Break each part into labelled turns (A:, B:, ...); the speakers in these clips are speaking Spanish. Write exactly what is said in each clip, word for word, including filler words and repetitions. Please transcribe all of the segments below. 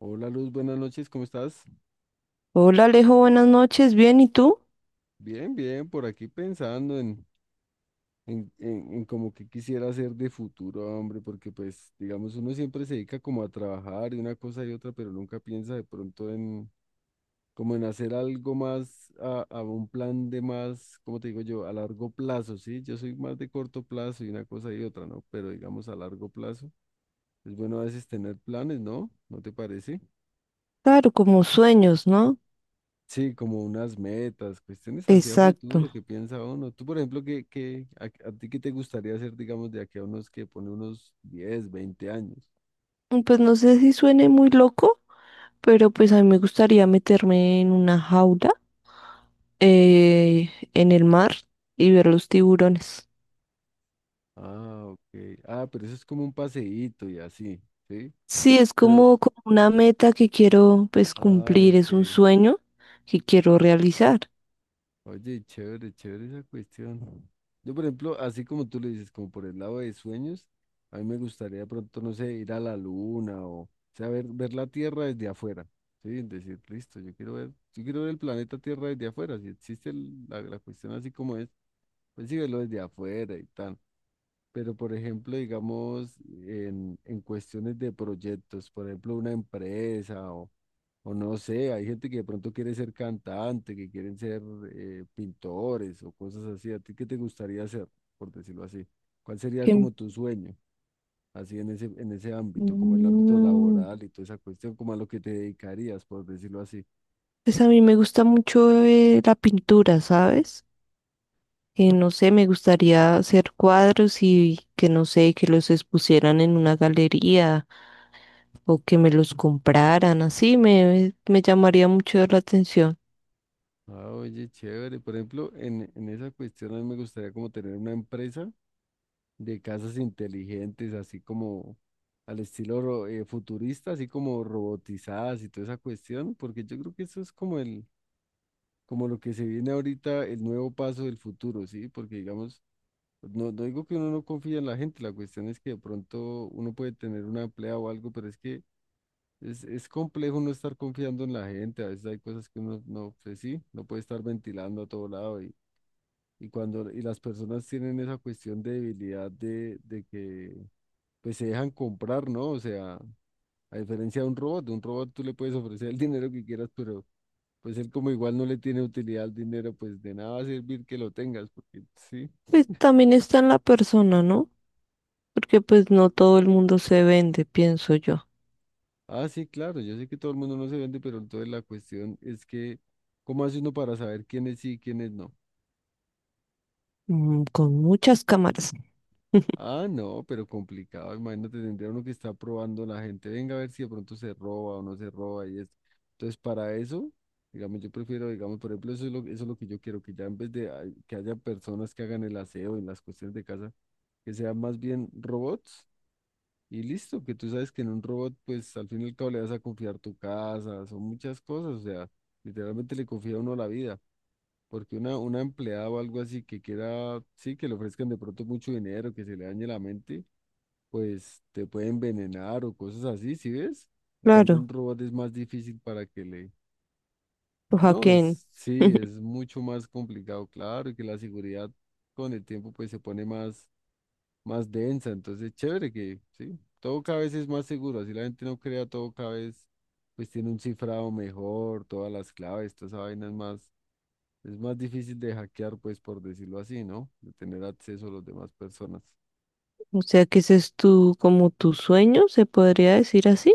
A: Hola Luz, buenas noches, ¿cómo estás?
B: Hola Alejo, buenas noches, bien, ¿y tú?
A: Bien, bien, por aquí pensando en, en, en, en como que quisiera hacer de futuro, hombre, porque pues, digamos, uno siempre se dedica como a trabajar y una cosa y otra, pero nunca piensa de pronto en, como en hacer algo más, a, a un plan de más, ¿cómo te digo yo? A largo plazo, ¿sí? Yo soy más de corto plazo y una cosa y otra, ¿no? Pero digamos a largo plazo, es bueno a veces tener planes, ¿no? ¿No te parece?
B: Claro, como sueños, ¿no?
A: Sí, como unas metas, cuestiones hacia
B: Exacto.
A: futuro, qué piensa uno. Tú, por ejemplo, ¿qué, qué, a, a ti qué te gustaría hacer, digamos, de aquí a unos que pone unos diez, veinte años?
B: Mm, Pues no sé si suene muy loco, pero pues a mí me gustaría meterme en una jaula, eh, en el mar y ver los tiburones.
A: Ah, ok. Ah, pero eso es como un paseíto y así, ¿sí?
B: Sí, es
A: Pero,
B: como, como una meta que quiero pues
A: ah,
B: cumplir,
A: ok.
B: es un sueño que quiero realizar.
A: Oye, chévere, chévere esa cuestión. Yo, por ejemplo, así como tú le dices, como por el lado de sueños, a mí me gustaría de pronto, no sé, ir a la luna o, o sea, ver, ver la Tierra desde afuera, ¿sí? Es decir, listo, yo quiero ver, yo quiero ver el planeta Tierra desde afuera, si existe el- la, la cuestión así como es, pues sí, verlo desde afuera y tal. Pero, por ejemplo, digamos, en, en cuestiones de proyectos, por ejemplo, una empresa o o no sé, hay gente que de pronto quiere ser cantante, que quieren ser eh, pintores o cosas así. ¿A ti qué te gustaría hacer, por decirlo así? ¿Cuál sería como
B: Que,
A: tu sueño, así en ese, en ese ámbito, como el ámbito
B: mm,
A: laboral y toda esa cuestión, como a lo que te dedicarías, por decirlo así?
B: pues a mí me gusta mucho eh, la pintura, ¿sabes? Eh, no sé, me gustaría hacer cuadros y que no sé, que los expusieran en una galería o que me los compraran, así me, me llamaría mucho la atención.
A: Ah, oye, chévere. Por ejemplo, en, en esa cuestión a mí me gustaría como tener una empresa de casas inteligentes, así como al estilo ro- eh, futurista, así como robotizadas y toda esa cuestión, porque yo creo que eso es como el como lo que se viene ahorita, el nuevo paso del futuro, ¿sí? Porque digamos, no, no digo que uno no confía en la gente, la cuestión es que de pronto uno puede tener una emplea o algo, pero es que es, es complejo no estar confiando en la gente, a veces hay cosas que uno no, pues sí, no puede estar ventilando a todo lado y, y cuando y las personas tienen esa cuestión de debilidad de, de que pues se dejan comprar, ¿no? O sea, a diferencia de un robot, de un robot tú le puedes ofrecer el dinero que quieras, pero pues él como igual no le tiene utilidad al dinero, pues de nada va a servir que lo tengas, porque sí.
B: Pues también está en la persona, ¿no? Porque pues no todo el mundo se vende, pienso yo.
A: Ah, sí, claro, yo sé que todo el mundo no se vende, pero entonces la cuestión es que, ¿cómo hace uno para saber quiénes sí y quiénes no?
B: Mm, con muchas cámaras.
A: Ah, no, pero complicado, imagínate, tendría uno que está probando la gente, venga a ver si de pronto se roba o no se roba y esto. Entonces, para eso, digamos, yo prefiero, digamos, por ejemplo, eso es lo, eso es lo que yo quiero, que ya en vez de ah, que haya personas que hagan el aseo y las cuestiones de casa, que sean más bien robots. Y listo, que tú sabes que en un robot, pues al fin y al cabo le vas a confiar tu casa, son muchas cosas, o sea, literalmente le confía a uno la vida, porque una, una empleada o algo así que quiera, sí, que le ofrezcan de pronto mucho dinero, que se le dañe la mente, pues te puede envenenar o cosas así, ¿sí ves? En cambio, un
B: Claro,
A: robot es más difícil para que le...
B: lo
A: No,
B: hackeen.
A: es, sí, es mucho más complicado, claro, y que la seguridad con el tiempo pues se pone más más densa. Entonces, chévere que, sí, todo cada vez es más seguro. Así la gente no crea, todo cada vez, pues tiene un cifrado mejor, todas las claves, toda esa vaina es más, es más difícil de hackear, pues por decirlo así, ¿no? De tener acceso a las demás personas.
B: O sea que ese es tu, como tu sueño, se podría decir así.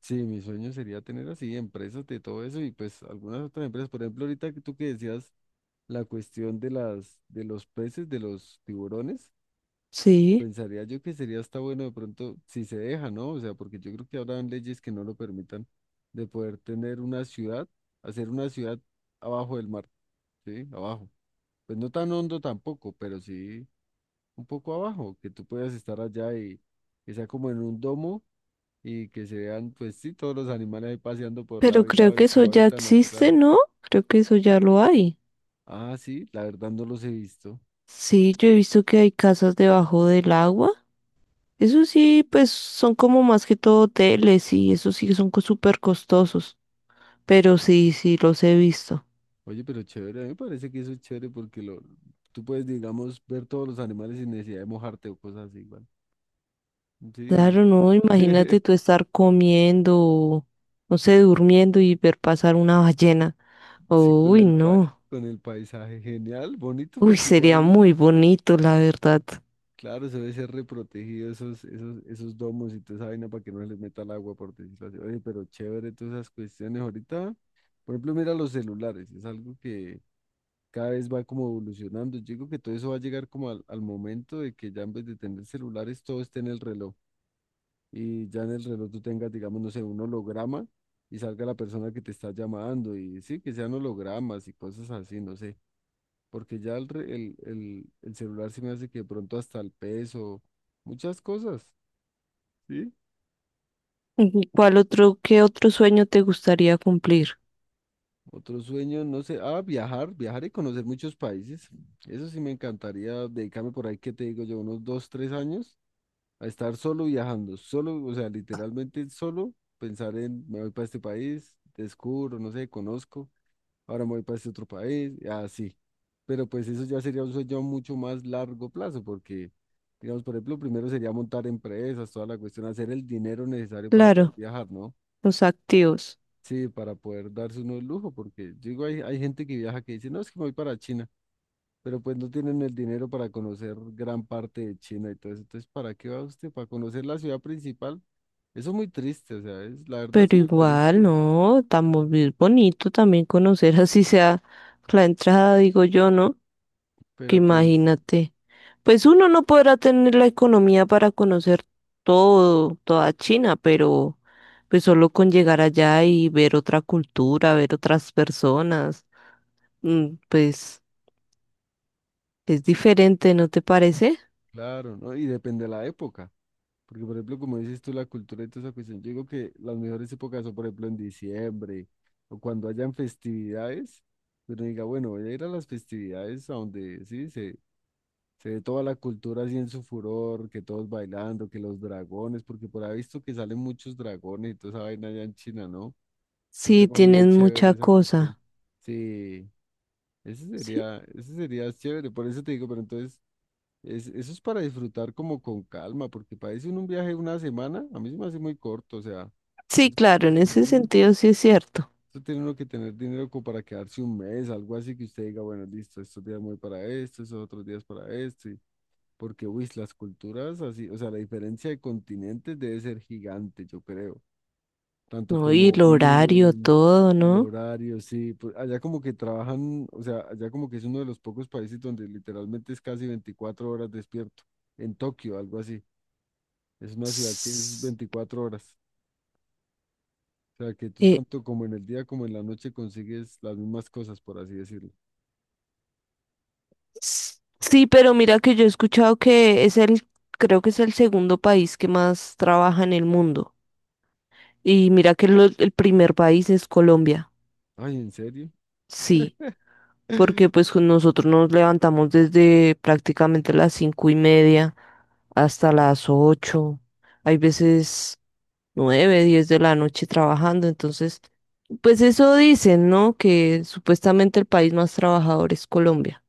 A: Sí, mi sueño sería tener así empresas de todo eso y pues algunas otras empresas. Por ejemplo, ahorita que tú que decías la cuestión de las, de los peces, de los tiburones.
B: Sí,
A: Pensaría yo que sería hasta bueno de pronto si se deja, ¿no? O sea, porque yo creo que habrán leyes que no lo permitan de poder tener una ciudad, hacer una ciudad abajo del mar, ¿sí? Abajo. Pues no tan hondo tampoco, pero sí un poco abajo, que tú puedas estar allá y que sea como en un domo y que se vean, pues sí, todos los animales ahí paseando por
B: pero
A: lado y
B: creo
A: lado
B: que
A: en
B: eso
A: su
B: ya
A: hábitat
B: existe,
A: natural.
B: ¿no? Creo que eso ya lo hay.
A: Ah, sí, la verdad no los he visto.
B: Sí, yo he visto que hay casas debajo del agua. Eso sí, pues son como más que todo hoteles y eso sí que son co- súper costosos. Pero sí, sí, los he visto.
A: Oye, pero chévere, a mí me parece que eso es chévere porque lo, tú puedes, digamos, ver todos los animales sin necesidad de mojarte o cosas así, igual. Sí,
B: Claro, no, imagínate tú estar comiendo, no sé, durmiendo y ver pasar una ballena.
A: sí, con
B: Uy,
A: el pa-
B: no.
A: con el paisaje, genial, bonito
B: Uy,
A: porque
B: sería
A: igual,
B: muy bonito, la verdad.
A: claro, se debe ser reprotegido esos, esos, esos domos y toda esa vaina para que no se les meta el agua, por decirlo así. Oye, pero chévere todas esas cuestiones ahorita. Por ejemplo, mira los celulares, es algo que cada vez va como evolucionando. Yo digo que todo eso va a llegar como al, al momento de que ya en vez de tener celulares, todo esté en el reloj. Y ya en el reloj tú tengas, digamos, no sé, un holograma y salga la persona que te está llamando y sí, que sean hologramas y cosas así, no sé, porque ya el, re- el, el, el celular se me hace que de pronto hasta el peso, muchas cosas, ¿sí?
B: ¿Y cuál otro, qué otro sueño te gustaría cumplir?
A: Otro sueño, no sé, ah, viajar, viajar y conocer muchos países. Eso sí me encantaría dedicarme por ahí, ¿qué te digo yo? Unos dos, tres años a estar solo viajando, solo, o sea, literalmente solo pensar en, me voy para este país, descubro, no sé, conozco. Ahora me voy para este otro país, y así. Pero pues eso ya sería un sueño a mucho más largo plazo, porque, digamos, por ejemplo, primero sería montar empresas, toda la cuestión, hacer el dinero necesario para poder
B: Claro,
A: viajar, ¿no?
B: los activos.
A: Sí, para poder darse uno el lujo, porque yo digo, hay, hay gente que viaja que dice, no, es que me voy para China, pero pues no tienen el dinero para conocer gran parte de China y todo eso. Entonces, ¿para qué va usted? ¿Para conocer la ciudad principal? Eso es muy triste, o sea, es, la verdad es
B: Pero
A: muy
B: igual,
A: triste,
B: no, estamos bien bonito también conocer así sea la entrada, digo yo, ¿no? Que
A: pero pues
B: imagínate. Pues uno no podrá tener la economía para conocer todo, toda China, pero pues solo con llegar allá y ver otra cultura, ver otras personas, mm, pues es
A: sí,
B: diferente, ¿no te parece?
A: claro, ¿no? Y depende de la época. Porque, por ejemplo, como dices tú, la cultura y toda esa cuestión, yo digo que las mejores épocas son, por ejemplo, en diciembre o cuando hayan festividades, pero diga, bueno, voy a ir a las festividades a donde, sí, se, se ve toda la cultura así en su furor, que todos bailando, que los dragones, porque por ahí he visto que salen muchos dragones y toda esa vaina allá en China, ¿no? Un
B: Sí,
A: tema bien
B: tienes
A: chévere
B: mucha
A: esa cuestión.
B: cosa.
A: Sí, ese
B: Sí,
A: sería, ese sería chévere, por eso te digo, pero entonces... Es, eso es para disfrutar como con calma, porque parece un viaje de una semana, a mí se me hace muy corto, o sea,
B: sí,
A: eso tiene
B: claro, en
A: que ser
B: ese
A: un-
B: sentido sí es cierto.
A: eso tiene uno que tener dinero como para quedarse un mes, algo así que usted diga, bueno, listo, estos días me voy para esto, esos otros días para esto, y- porque, uy, las culturas así, o sea, la diferencia de continentes debe ser gigante, yo creo, tanto
B: No, y
A: como
B: el horario,
A: viven,
B: todo,
A: el
B: ¿no?
A: horario, sí, pues, allá como que trabajan, o sea, allá como que es uno de los pocos países donde literalmente es casi veinticuatro horas despierto en Tokio, algo así. Es una ciudad que es veinticuatro horas. O sea, que tú
B: Eh,
A: tanto como en el día como en la noche consigues las mismas cosas, por así decirlo.
B: sí, pero mira que yo he escuchado que es el, creo que es el segundo país que más trabaja en el mundo. Y mira que lo- el primer país es Colombia.
A: Ay, ¿en serio?
B: Sí, porque pues con nosotros nos levantamos desde prácticamente las cinco y media hasta las ocho. Hay veces nueve, diez de la noche trabajando. Entonces, pues eso dicen, ¿no? Que supuestamente el país más trabajador es Colombia.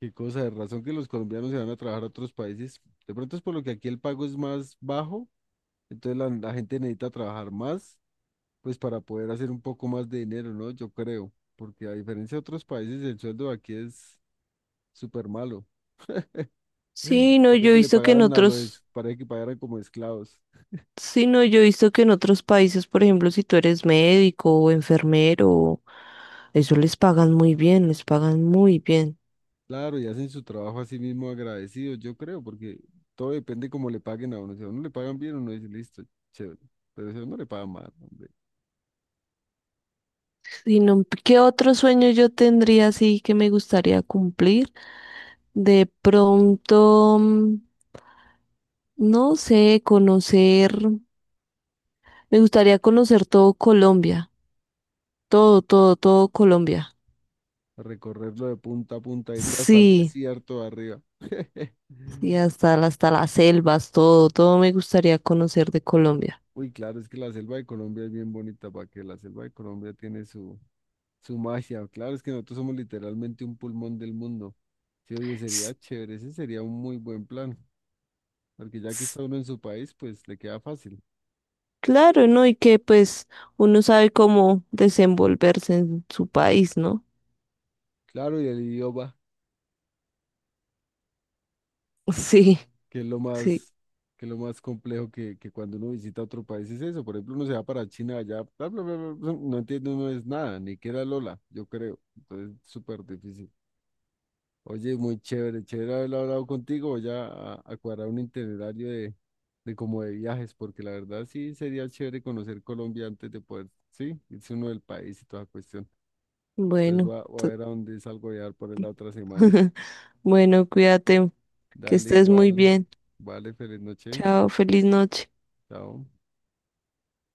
A: Qué cosa de razón que los colombianos se van a trabajar a otros países. De pronto es por lo que aquí el pago es más bajo, entonces la, la gente necesita trabajar más, pues para poder hacer un poco más de dinero, ¿no? Yo creo, porque a diferencia de otros países, el sueldo de aquí es súper malo.
B: Sí, no, yo
A: Parece
B: he
A: que le
B: visto que en
A: pagaran a los,
B: otros,
A: parece que pagaran como esclavos.
B: sí, no, yo he visto que en otros países, por ejemplo, si tú eres médico o enfermero, eso les pagan muy bien, les pagan muy bien.
A: Claro, y hacen su trabajo así mismo agradecidos, yo creo, porque todo depende cómo le paguen a uno. Si a uno le pagan bien, uno dice, listo, chévere. Pero si a uno le pagan mal, hombre,
B: Y no, ¿qué otro sueño yo tendría así que me gustaría cumplir? De pronto, mm, no sé, conocer, me gustaría conocer todo Colombia, todo, todo, todo Colombia.
A: recorrerlo de punta a punta, irte hasta el
B: Sí.
A: desierto de arriba.
B: Y hasta, la- hasta las selvas, todo, todo me gustaría conocer de Colombia.
A: Uy, claro, es que la selva de Colombia es bien bonita, para que la selva de Colombia tiene su, su magia. Claro, es que nosotros somos literalmente un pulmón del mundo. Sí, oye,
B: S-
A: sería chévere, ese sería un muy buen plan, porque ya que
B: s-
A: está uno en su país, pues le queda fácil.
B: Claro, ¿no? Y que pues uno sabe cómo desenvolverse en su país, ¿no?
A: Claro, y el idioma.
B: Sí,
A: que es lo
B: sí.
A: más, que es lo más complejo que, que cuando uno visita otro país es eso. Por ejemplo, uno se va para China allá, bla, bla, bla, bla, bla, no entiende uno es nada, ni que era Lola, yo creo. Entonces, súper difícil. Oye, muy chévere, chévere haber hablado contigo. Voy a, a- a cuadrar un itinerario de, de como de viajes, porque la verdad sí sería chévere conocer Colombia antes de poder, sí, irse uno del país y toda cuestión. Entonces
B: Bueno,
A: voy a, voy a
B: to-
A: ver a dónde salgo a viajar por ahí la otra semana.
B: bueno, cuídate, que
A: Dale
B: estés muy
A: igual.
B: bien.
A: Vale, feliz noche.
B: Chao, feliz noche.
A: Chao.